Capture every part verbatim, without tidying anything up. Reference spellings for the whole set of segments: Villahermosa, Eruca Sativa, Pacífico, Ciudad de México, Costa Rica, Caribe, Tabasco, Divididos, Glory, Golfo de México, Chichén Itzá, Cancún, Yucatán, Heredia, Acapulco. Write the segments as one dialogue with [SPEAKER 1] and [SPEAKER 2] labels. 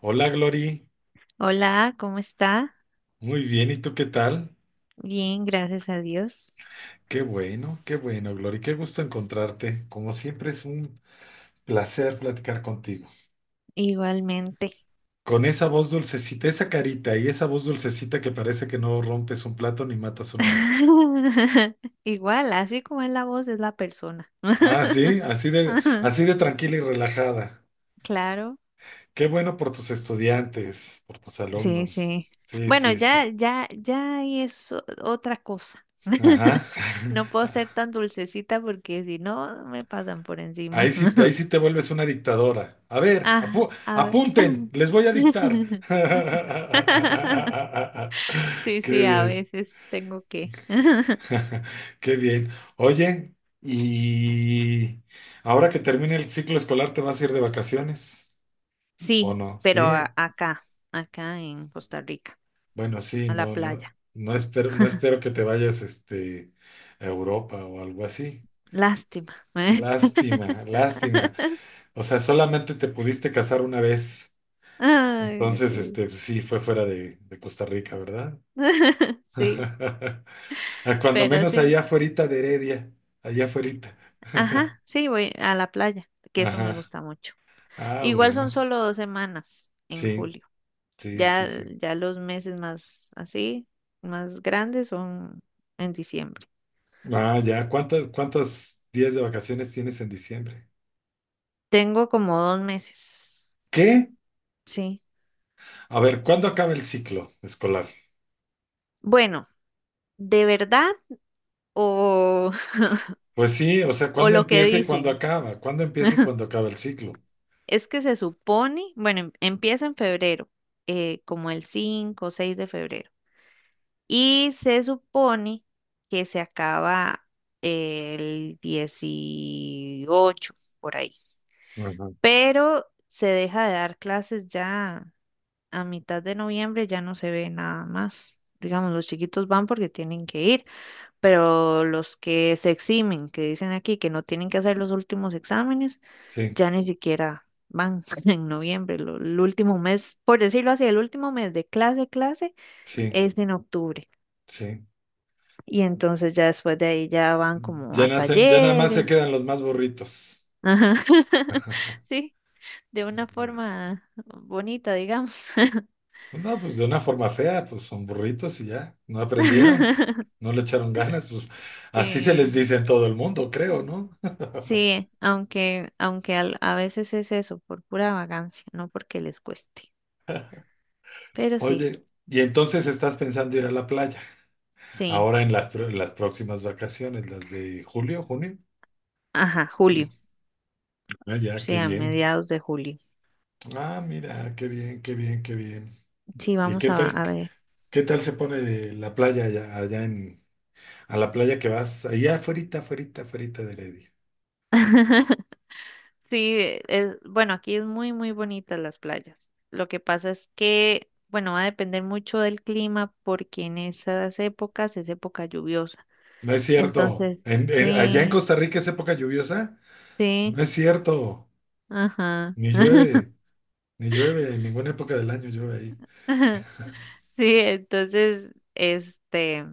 [SPEAKER 1] Hola Glory,
[SPEAKER 2] Hola, ¿cómo está?
[SPEAKER 1] muy bien, ¿y tú qué tal?
[SPEAKER 2] Bien, gracias a Dios.
[SPEAKER 1] Qué bueno, qué bueno Glory, qué gusto encontrarte. Como siempre es un placer platicar contigo.
[SPEAKER 2] Igualmente.
[SPEAKER 1] Con esa voz dulcecita, esa carita y esa voz dulcecita que parece que no rompes un plato ni matas una mosca.
[SPEAKER 2] Igual, así como es la voz, es la persona.
[SPEAKER 1] Ah, sí, así de, así de tranquila y relajada.
[SPEAKER 2] Claro,
[SPEAKER 1] Qué bueno por tus estudiantes, por tus
[SPEAKER 2] sí,
[SPEAKER 1] alumnos.
[SPEAKER 2] sí.
[SPEAKER 1] Sí,
[SPEAKER 2] Bueno,
[SPEAKER 1] sí, sí.
[SPEAKER 2] ya, ya, ya ahí es o- otra cosa.
[SPEAKER 1] Ajá.
[SPEAKER 2] No puedo ser tan dulcecita porque si no, me pasan por encima.
[SPEAKER 1] Ahí sí, ahí sí te vuelves una dictadora. A ver,
[SPEAKER 2] Ah,
[SPEAKER 1] apu-
[SPEAKER 2] a ver.
[SPEAKER 1] apunten, les voy a dictar.
[SPEAKER 2] Sí,
[SPEAKER 1] Qué
[SPEAKER 2] sí, a
[SPEAKER 1] bien,
[SPEAKER 2] veces tengo que.
[SPEAKER 1] qué bien. Oye, y ahora que termine el ciclo escolar, ¿te vas a ir de vacaciones? ¿O
[SPEAKER 2] Sí,
[SPEAKER 1] no? Sí,
[SPEAKER 2] pero a-
[SPEAKER 1] eh.
[SPEAKER 2] acá, acá en Costa Rica.
[SPEAKER 1] bueno, sí,
[SPEAKER 2] A la
[SPEAKER 1] no, no,
[SPEAKER 2] playa.
[SPEAKER 1] no espero, no espero que te vayas, este, a Europa o algo así.
[SPEAKER 2] Lástima. ¿Eh?
[SPEAKER 1] Lástima, lástima. O sea, solamente te pudiste casar una vez.
[SPEAKER 2] Ay,
[SPEAKER 1] Entonces,
[SPEAKER 2] sí.
[SPEAKER 1] este, pues, sí, fue fuera de, de Costa Rica, ¿verdad?
[SPEAKER 2] Sí,
[SPEAKER 1] A cuando
[SPEAKER 2] pero
[SPEAKER 1] menos
[SPEAKER 2] sí.
[SPEAKER 1] allá afuerita de Heredia, allá afuerita.
[SPEAKER 2] Ajá, sí, voy a la playa, que eso me
[SPEAKER 1] Ajá.
[SPEAKER 2] gusta mucho.
[SPEAKER 1] Ah,
[SPEAKER 2] Igual
[SPEAKER 1] bueno.
[SPEAKER 2] son solo dos semanas en
[SPEAKER 1] Sí,
[SPEAKER 2] julio.
[SPEAKER 1] sí, sí,
[SPEAKER 2] Ya,
[SPEAKER 1] sí.
[SPEAKER 2] ya los meses más así, más grandes son en diciembre.
[SPEAKER 1] Ah, ya. ¿Cuántas, cuántos días de vacaciones tienes en diciembre?
[SPEAKER 2] Tengo como dos meses.
[SPEAKER 1] ¿Qué?
[SPEAKER 2] Sí.
[SPEAKER 1] A ver, ¿cuándo acaba el ciclo escolar?
[SPEAKER 2] Bueno, ¿de verdad o,
[SPEAKER 1] Pues sí, o sea,
[SPEAKER 2] o
[SPEAKER 1] ¿cuándo
[SPEAKER 2] lo que
[SPEAKER 1] empieza y cuándo
[SPEAKER 2] dicen?
[SPEAKER 1] acaba? ¿Cuándo empieza y cuándo acaba el ciclo?
[SPEAKER 2] Es que se supone, bueno, em- empieza en febrero, eh, como el cinco o seis de febrero. Y se supone que se acaba el dieciocho por ahí.
[SPEAKER 1] Ajá.
[SPEAKER 2] Pero se deja de dar clases ya a mitad de noviembre, ya no se ve nada más. Digamos, los chiquitos van porque tienen que ir, pero los que se eximen, que dicen aquí que no tienen que hacer los últimos exámenes,
[SPEAKER 1] Sí,
[SPEAKER 2] ya ni siquiera van en noviembre. Lo- el último mes, por decirlo así, el último mes de clase, clase
[SPEAKER 1] sí,
[SPEAKER 2] es en octubre.
[SPEAKER 1] sí.
[SPEAKER 2] Y entonces ya después de ahí ya van como
[SPEAKER 1] Ya
[SPEAKER 2] a
[SPEAKER 1] nacen, ya nada más se
[SPEAKER 2] talleres.
[SPEAKER 1] quedan los más burritos.
[SPEAKER 2] Ajá. Sí, de una forma bonita, digamos.
[SPEAKER 1] Pues No, pues de una forma fea, pues son burritos y ya, no aprendieron, no le echaron ganas, pues así se les
[SPEAKER 2] Sí.
[SPEAKER 1] dice en todo el mundo, creo, ¿no?
[SPEAKER 2] Sí, aunque, aunque al- a veces es eso, por pura vagancia, no porque les cueste. Pero sí.
[SPEAKER 1] Oye, y entonces estás pensando ir a la playa,
[SPEAKER 2] Sí,
[SPEAKER 1] ahora en las, pr- las próximas vacaciones, las de julio, junio.
[SPEAKER 2] ajá, julio,
[SPEAKER 1] Ah, ya,
[SPEAKER 2] sí,
[SPEAKER 1] qué
[SPEAKER 2] a
[SPEAKER 1] bien.
[SPEAKER 2] mediados de julio.
[SPEAKER 1] Ah, mira, qué bien, qué bien, qué bien.
[SPEAKER 2] Sí,
[SPEAKER 1] ¿Y
[SPEAKER 2] vamos
[SPEAKER 1] qué
[SPEAKER 2] a,
[SPEAKER 1] tal,
[SPEAKER 2] a ver.
[SPEAKER 1] qué tal se pone de la playa allá, allá en, a la playa que vas, allá afuerita, afuerita, afuerita de Heredia?
[SPEAKER 2] Sí, es, bueno, aquí es muy, muy bonitas las playas. Lo que pasa es que, bueno, va a depender mucho del clima porque en esas épocas es época lluviosa.
[SPEAKER 1] No es cierto,
[SPEAKER 2] Entonces,
[SPEAKER 1] en, en- allá en
[SPEAKER 2] sí,
[SPEAKER 1] Costa Rica es época lluviosa. No
[SPEAKER 2] sí,
[SPEAKER 1] es cierto,
[SPEAKER 2] ajá.
[SPEAKER 1] ni llueve, ni llueve, en ninguna época del año llueve ahí.
[SPEAKER 2] Sí, entonces, este,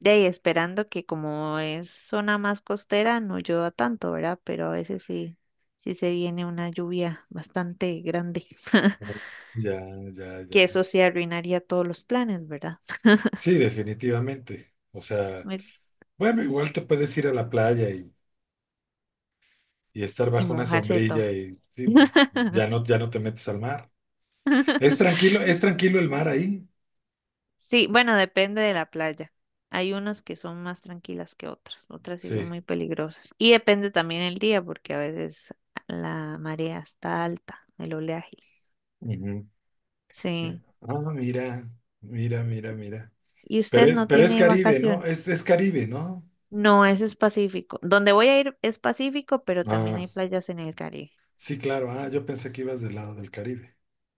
[SPEAKER 2] de ahí esperando que como es zona más costera, no llueva tanto, ¿verdad? Pero a veces sí, sí se viene una lluvia bastante grande,
[SPEAKER 1] Ya, ya,
[SPEAKER 2] que
[SPEAKER 1] ya.
[SPEAKER 2] eso sí arruinaría todos los planes, ¿verdad?
[SPEAKER 1] Sí, definitivamente. O sea,
[SPEAKER 2] Me-
[SPEAKER 1] bueno, igual te puedes ir a la playa y, y estar
[SPEAKER 2] Y
[SPEAKER 1] bajo una
[SPEAKER 2] mojarse todo.
[SPEAKER 1] sombrilla y sí, pu- ya no, ya no te metes al mar. Es tranquilo, es tranquilo el mar ahí.
[SPEAKER 2] Sí, bueno, depende de la playa. Hay unas que son más tranquilas que otras, otras sí son
[SPEAKER 1] Sí.
[SPEAKER 2] muy peligrosas. Y depende también el día, porque a veces la marea está alta, el oleaje.
[SPEAKER 1] Ujú.
[SPEAKER 2] Sí.
[SPEAKER 1] Ah, mira, mira, mira, mira.
[SPEAKER 2] Y
[SPEAKER 1] Pero,
[SPEAKER 2] usted
[SPEAKER 1] es-
[SPEAKER 2] no
[SPEAKER 1] pero es
[SPEAKER 2] tiene
[SPEAKER 1] Caribe, ¿no?
[SPEAKER 2] vacaciones.
[SPEAKER 1] Es, es Caribe, ¿no?
[SPEAKER 2] No, ese es Pacífico. Donde voy a ir es Pacífico, pero también
[SPEAKER 1] Ah,
[SPEAKER 2] hay playas en el Caribe.
[SPEAKER 1] sí, claro. Ah, yo pensé que ibas del lado del Caribe.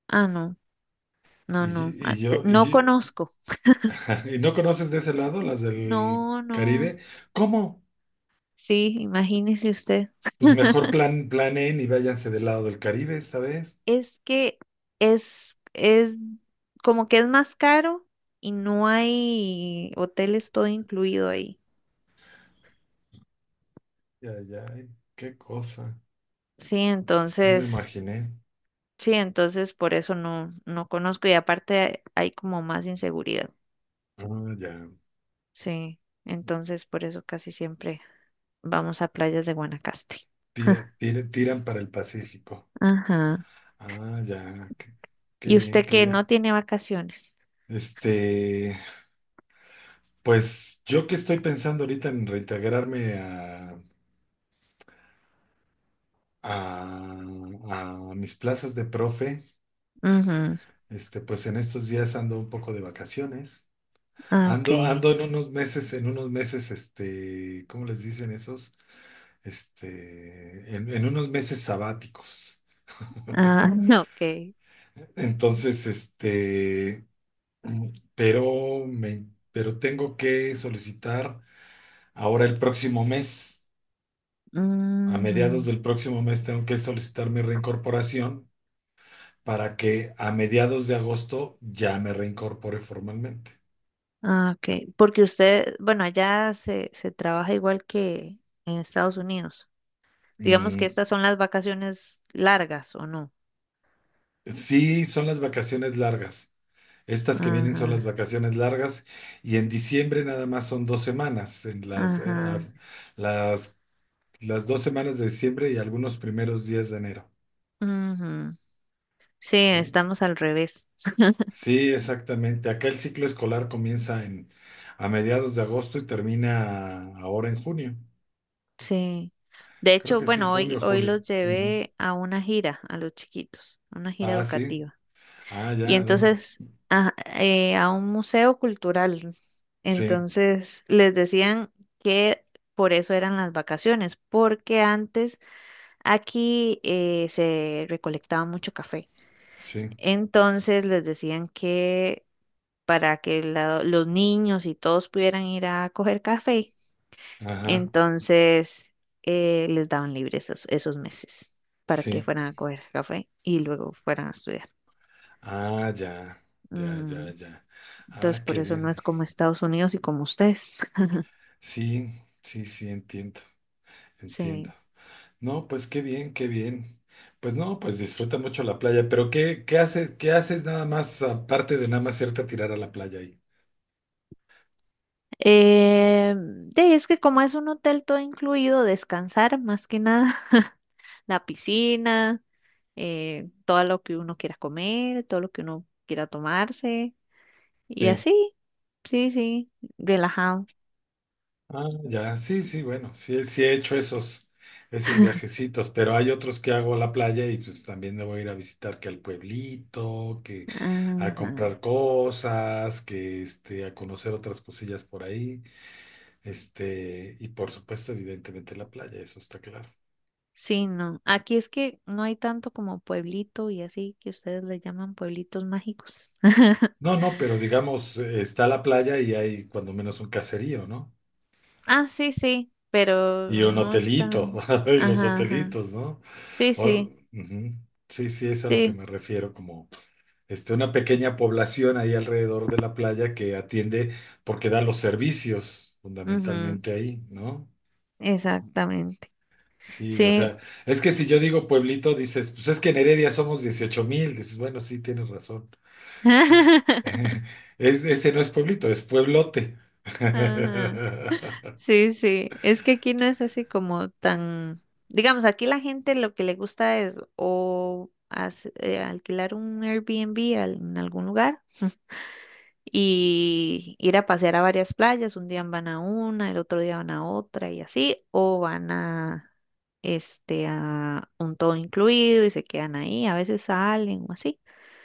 [SPEAKER 2] Ah, no, no,
[SPEAKER 1] Y, yo-
[SPEAKER 2] no,
[SPEAKER 1] y
[SPEAKER 2] ah, te-
[SPEAKER 1] yo, y
[SPEAKER 2] no
[SPEAKER 1] yo,
[SPEAKER 2] conozco.
[SPEAKER 1] ¿Y no conoces de ese lado, las del
[SPEAKER 2] No, no,
[SPEAKER 1] Caribe? ¿Cómo?
[SPEAKER 2] sí, imagínese usted.
[SPEAKER 1] Pues mejor plan, planeen y váyanse del lado del Caribe esta vez.
[SPEAKER 2] Es que es, es como que es más caro y no hay hoteles todo incluido ahí.
[SPEAKER 1] Ya, ya, ay, qué cosa.
[SPEAKER 2] Sí,
[SPEAKER 1] No me
[SPEAKER 2] entonces,
[SPEAKER 1] imaginé.
[SPEAKER 2] sí, entonces por eso no, no conozco y aparte hay como más inseguridad.
[SPEAKER 1] Ah, ya.
[SPEAKER 2] Sí, entonces por eso casi siempre vamos a playas de Guanacaste.
[SPEAKER 1] Tira, tira- tiran para el Pacífico.
[SPEAKER 2] Ajá.
[SPEAKER 1] Ah, ya. Qué, qué
[SPEAKER 2] ¿Y
[SPEAKER 1] bien,
[SPEAKER 2] usted
[SPEAKER 1] qué
[SPEAKER 2] que no
[SPEAKER 1] bien.
[SPEAKER 2] tiene vacaciones?
[SPEAKER 1] Este, pues yo que estoy pensando ahorita en reintegrarme a, a, a mis plazas de profe,
[SPEAKER 2] Ujú.
[SPEAKER 1] este, pues en estos días ando un poco de vacaciones.
[SPEAKER 2] Ah, ok.
[SPEAKER 1] Ando, ando en unos meses, en unos meses, este, ¿cómo les dicen esos? Este, en, en unos meses sabáticos.
[SPEAKER 2] Ah, ok.
[SPEAKER 1] Entonces, este, pero me, pero tengo que solicitar ahora el próximo mes, a mediados
[SPEAKER 2] Ujú.
[SPEAKER 1] del próximo mes tengo que solicitar mi reincorporación para que a mediados de agosto ya me reincorpore formalmente.
[SPEAKER 2] Ah, ok. Porque usted, bueno, allá se, se trabaja igual que en Estados Unidos. Digamos que
[SPEAKER 1] Mm,
[SPEAKER 2] estas son las vacaciones largas, ¿o no?
[SPEAKER 1] Sí, son las vacaciones largas. Estas que vienen son las
[SPEAKER 2] Ajá,
[SPEAKER 1] vacaciones largas y en diciembre nada más son dos semanas, en las, eh, a-
[SPEAKER 2] ajá.
[SPEAKER 1] las, las dos semanas de diciembre y algunos primeros días de enero.
[SPEAKER 2] Ujú. Sí,
[SPEAKER 1] Sí,
[SPEAKER 2] estamos al revés.
[SPEAKER 1] sí, exactamente. Acá el ciclo escolar comienza en, a mediados de agosto y termina ahora en junio.
[SPEAKER 2] Sí. De
[SPEAKER 1] Creo
[SPEAKER 2] hecho,
[SPEAKER 1] que sí,
[SPEAKER 2] bueno,
[SPEAKER 1] junio
[SPEAKER 2] hoy,
[SPEAKER 1] o
[SPEAKER 2] hoy
[SPEAKER 1] julio.
[SPEAKER 2] los
[SPEAKER 1] Ujú.
[SPEAKER 2] llevé a una gira, a los chiquitos, a una gira
[SPEAKER 1] Ah, sí.
[SPEAKER 2] educativa.
[SPEAKER 1] Ah,
[SPEAKER 2] Y
[SPEAKER 1] ya, ¿dónde?
[SPEAKER 2] entonces, a, eh, a un museo cultural.
[SPEAKER 1] Sí,
[SPEAKER 2] Entonces, les decían que por eso eran las vacaciones, porque antes aquí eh, se recolectaba mucho café.
[SPEAKER 1] sí.
[SPEAKER 2] Entonces, les decían que para que la- los niños y todos pudieran ir a coger café,
[SPEAKER 1] Ajá,
[SPEAKER 2] entonces, eh, les daban libres esos, esos meses para que
[SPEAKER 1] sí.
[SPEAKER 2] fueran a coger café y luego fueran a estudiar.
[SPEAKER 1] Ah, ya, ya, ya,
[SPEAKER 2] Mm,
[SPEAKER 1] ya.
[SPEAKER 2] entonces,
[SPEAKER 1] Ah,
[SPEAKER 2] por
[SPEAKER 1] qué
[SPEAKER 2] eso no
[SPEAKER 1] bien.
[SPEAKER 2] es como Estados Unidos y como ustedes.
[SPEAKER 1] Sí, sí, sí, entiendo, entiendo.
[SPEAKER 2] Sí.
[SPEAKER 1] No, pues qué bien, qué bien. Pues no, pues disfruta mucho la playa, pero ¿qué, qué haces, qué haces nada más aparte de nada más irte a tirar a la playa ahí?
[SPEAKER 2] Eh, de- es que como es un hotel todo incluido, descansar más que nada, la piscina, eh, todo lo que uno quiera comer, todo lo que uno quiera tomarse y
[SPEAKER 1] Sí.
[SPEAKER 2] así, sí, sí, relajado.
[SPEAKER 1] Ah, ya, sí, sí, bueno, sí, sí he hecho esos, esos viajecitos, pero hay otros que hago a la playa y pues también me voy a ir a visitar que al pueblito, que a
[SPEAKER 2] Ajá.
[SPEAKER 1] comprar cosas, que este, a conocer otras cosillas por ahí. Este, y por supuesto, evidentemente la playa, eso está claro.
[SPEAKER 2] Sí, no. Aquí es que no hay tanto como pueblito y así que ustedes le llaman pueblitos mágicos.
[SPEAKER 1] No, no, pero digamos, eh, está la playa y hay cuando menos un caserío, ¿no?
[SPEAKER 2] Ah, sí, sí, pero
[SPEAKER 1] Y un
[SPEAKER 2] no es
[SPEAKER 1] hotelito,
[SPEAKER 2] tan.
[SPEAKER 1] y los
[SPEAKER 2] Ajá, ajá.
[SPEAKER 1] hotelitos, ¿no?
[SPEAKER 2] Sí,
[SPEAKER 1] O-
[SPEAKER 2] sí,
[SPEAKER 1] ujú. Sí, sí, es a lo que
[SPEAKER 2] sí.
[SPEAKER 1] me refiero, como este, una pequeña población ahí alrededor de la playa que atiende porque da los servicios
[SPEAKER 2] Ujú,
[SPEAKER 1] fundamentalmente ahí, ¿no?
[SPEAKER 2] exactamente.
[SPEAKER 1] Sí, o
[SPEAKER 2] Sí.
[SPEAKER 1] sea, es que si yo digo pueblito, dices, pues es que en Heredia somos dieciocho mil, dices, bueno, sí, tienes razón. Es, ese no es pueblito, es pueblote.
[SPEAKER 2] Ajá. Sí, sí. Es que aquí no es así como tan. Digamos, aquí la gente lo que le gusta es o as- eh, alquilar un Airbnb al- en algún lugar. Y ir a pasear a varias playas. Un día van a una, el otro día van a otra y así, o van a, este, a un todo incluido y se quedan ahí, a veces salen o así.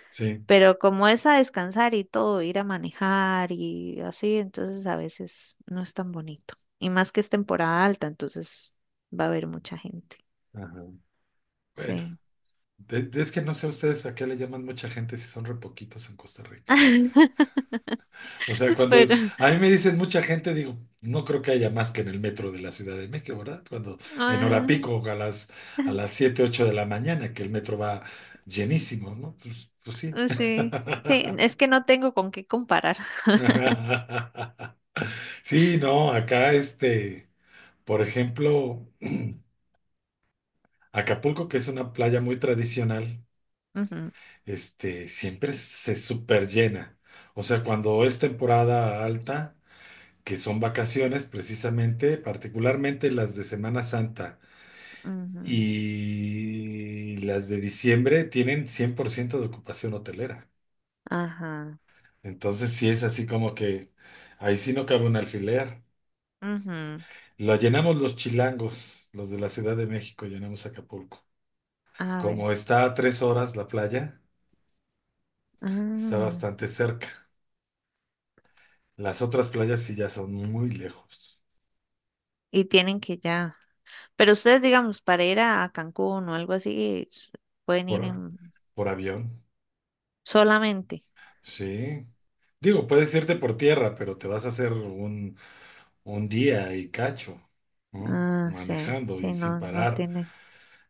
[SPEAKER 1] Sí.
[SPEAKER 2] Pero como es a descansar y todo, ir a manejar y así, entonces a veces no es tan bonito. Y más que es temporada alta, entonces va a haber mucha gente.
[SPEAKER 1] ajá. Bueno,
[SPEAKER 2] Sí.
[SPEAKER 1] de- es que no sé ustedes a qué le llaman mucha gente si son re poquitos en Costa Rica. O sea, cuando
[SPEAKER 2] Pero,
[SPEAKER 1] a mí me dicen mucha gente, digo, no creo que haya más que en el metro de la Ciudad de México, ¿verdad? Cuando en hora
[SPEAKER 2] ah,
[SPEAKER 1] pico a las, a las siete ocho de la mañana, que el metro va llenísimo, ¿no? Pues, pues sí.
[SPEAKER 2] sí, sí, es que no tengo con qué comparar.
[SPEAKER 1] Sí, no, acá este, por ejemplo. Acapulco, que es una playa muy tradicional,
[SPEAKER 2] Ujú,
[SPEAKER 1] este, siempre se superllena. O sea, cuando es temporada alta, que son vacaciones precisamente, particularmente las de Semana Santa
[SPEAKER 2] ujú.
[SPEAKER 1] y las de diciembre, tienen cien por ciento de ocupación hotelera.
[SPEAKER 2] Ajá.
[SPEAKER 1] Entonces, sí es así como que ahí sí no cabe un alfiler.
[SPEAKER 2] Ujú.
[SPEAKER 1] Lo llenamos los chilangos, los de la Ciudad de México, llenamos Acapulco.
[SPEAKER 2] A ver.
[SPEAKER 1] Como está a tres horas la playa, está
[SPEAKER 2] Ah,
[SPEAKER 1] bastante cerca. Las otras playas sí ya son muy lejos
[SPEAKER 2] y tienen que ya. Pero ustedes, digamos, para ir a, a Cancún o algo así, s- pueden ir
[SPEAKER 1] por,
[SPEAKER 2] en
[SPEAKER 1] por avión.
[SPEAKER 2] solamente.
[SPEAKER 1] Sí. Digo, puedes irte por tierra, pero te vas a hacer un, un día y cacho, ¿no?
[SPEAKER 2] Ah, sí,
[SPEAKER 1] Manejando y
[SPEAKER 2] sí,
[SPEAKER 1] sin
[SPEAKER 2] no, no
[SPEAKER 1] parar.
[SPEAKER 2] tiene.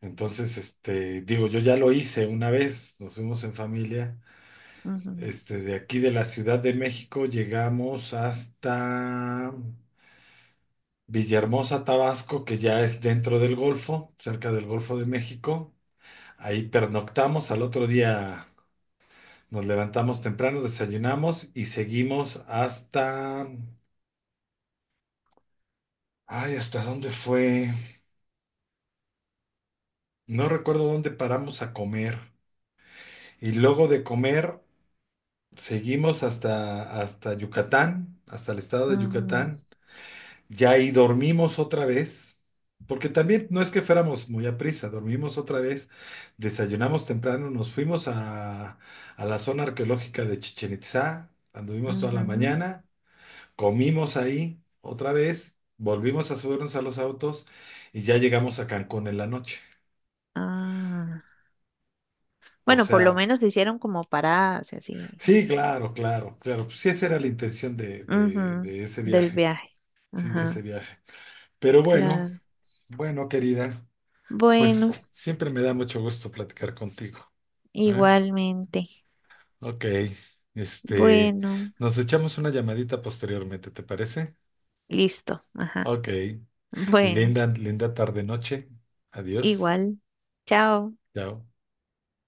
[SPEAKER 1] Entonces, este, digo, yo ya lo hice una vez, nos fuimos en familia.
[SPEAKER 2] Ujú,
[SPEAKER 1] Este, de aquí de la Ciudad de México llegamos hasta Villahermosa, Tabasco, que ya es dentro del Golfo, cerca del Golfo de México. Ahí pernoctamos, al otro día Nos levantamos temprano, desayunamos y seguimos hasta. Ay, ¿hasta dónde fue? No recuerdo dónde paramos a comer. Y luego de comer, seguimos hasta, hasta Yucatán, hasta el estado de
[SPEAKER 2] ujú,
[SPEAKER 1] Yucatán. Ya ahí dormimos otra vez, porque también no es que fuéramos muy a prisa, dormimos otra vez, desayunamos temprano, nos fuimos a, a la zona arqueológica de Chichén Itzá, anduvimos toda la
[SPEAKER 2] ujú.
[SPEAKER 1] mañana Comimos ahí otra vez, volvimos a subirnos a los autos y ya llegamos a Cancún en la noche.
[SPEAKER 2] Ah.
[SPEAKER 1] O
[SPEAKER 2] Bueno, por lo
[SPEAKER 1] sea,
[SPEAKER 2] menos hicieron como paradas y así.
[SPEAKER 1] sí, claro, claro, claro. Pues sí, esa era la intención de, de,
[SPEAKER 2] Ujú,
[SPEAKER 1] de ese
[SPEAKER 2] del
[SPEAKER 1] viaje,
[SPEAKER 2] viaje.
[SPEAKER 1] sí, de ese
[SPEAKER 2] Ajá,
[SPEAKER 1] viaje. Pero bueno,
[SPEAKER 2] claro.
[SPEAKER 1] bueno, querida, pues
[SPEAKER 2] Bueno,
[SPEAKER 1] siempre me da mucho gusto platicar contigo. ¿Eh?
[SPEAKER 2] igualmente.
[SPEAKER 1] Ok, este,
[SPEAKER 2] Bueno,
[SPEAKER 1] nos echamos una llamadita posteriormente, ¿te parece?
[SPEAKER 2] listo. Ajá.
[SPEAKER 1] Ok,
[SPEAKER 2] Bueno.
[SPEAKER 1] linda, linda tarde-noche. Adiós,
[SPEAKER 2] Igual. Chao.
[SPEAKER 1] chao.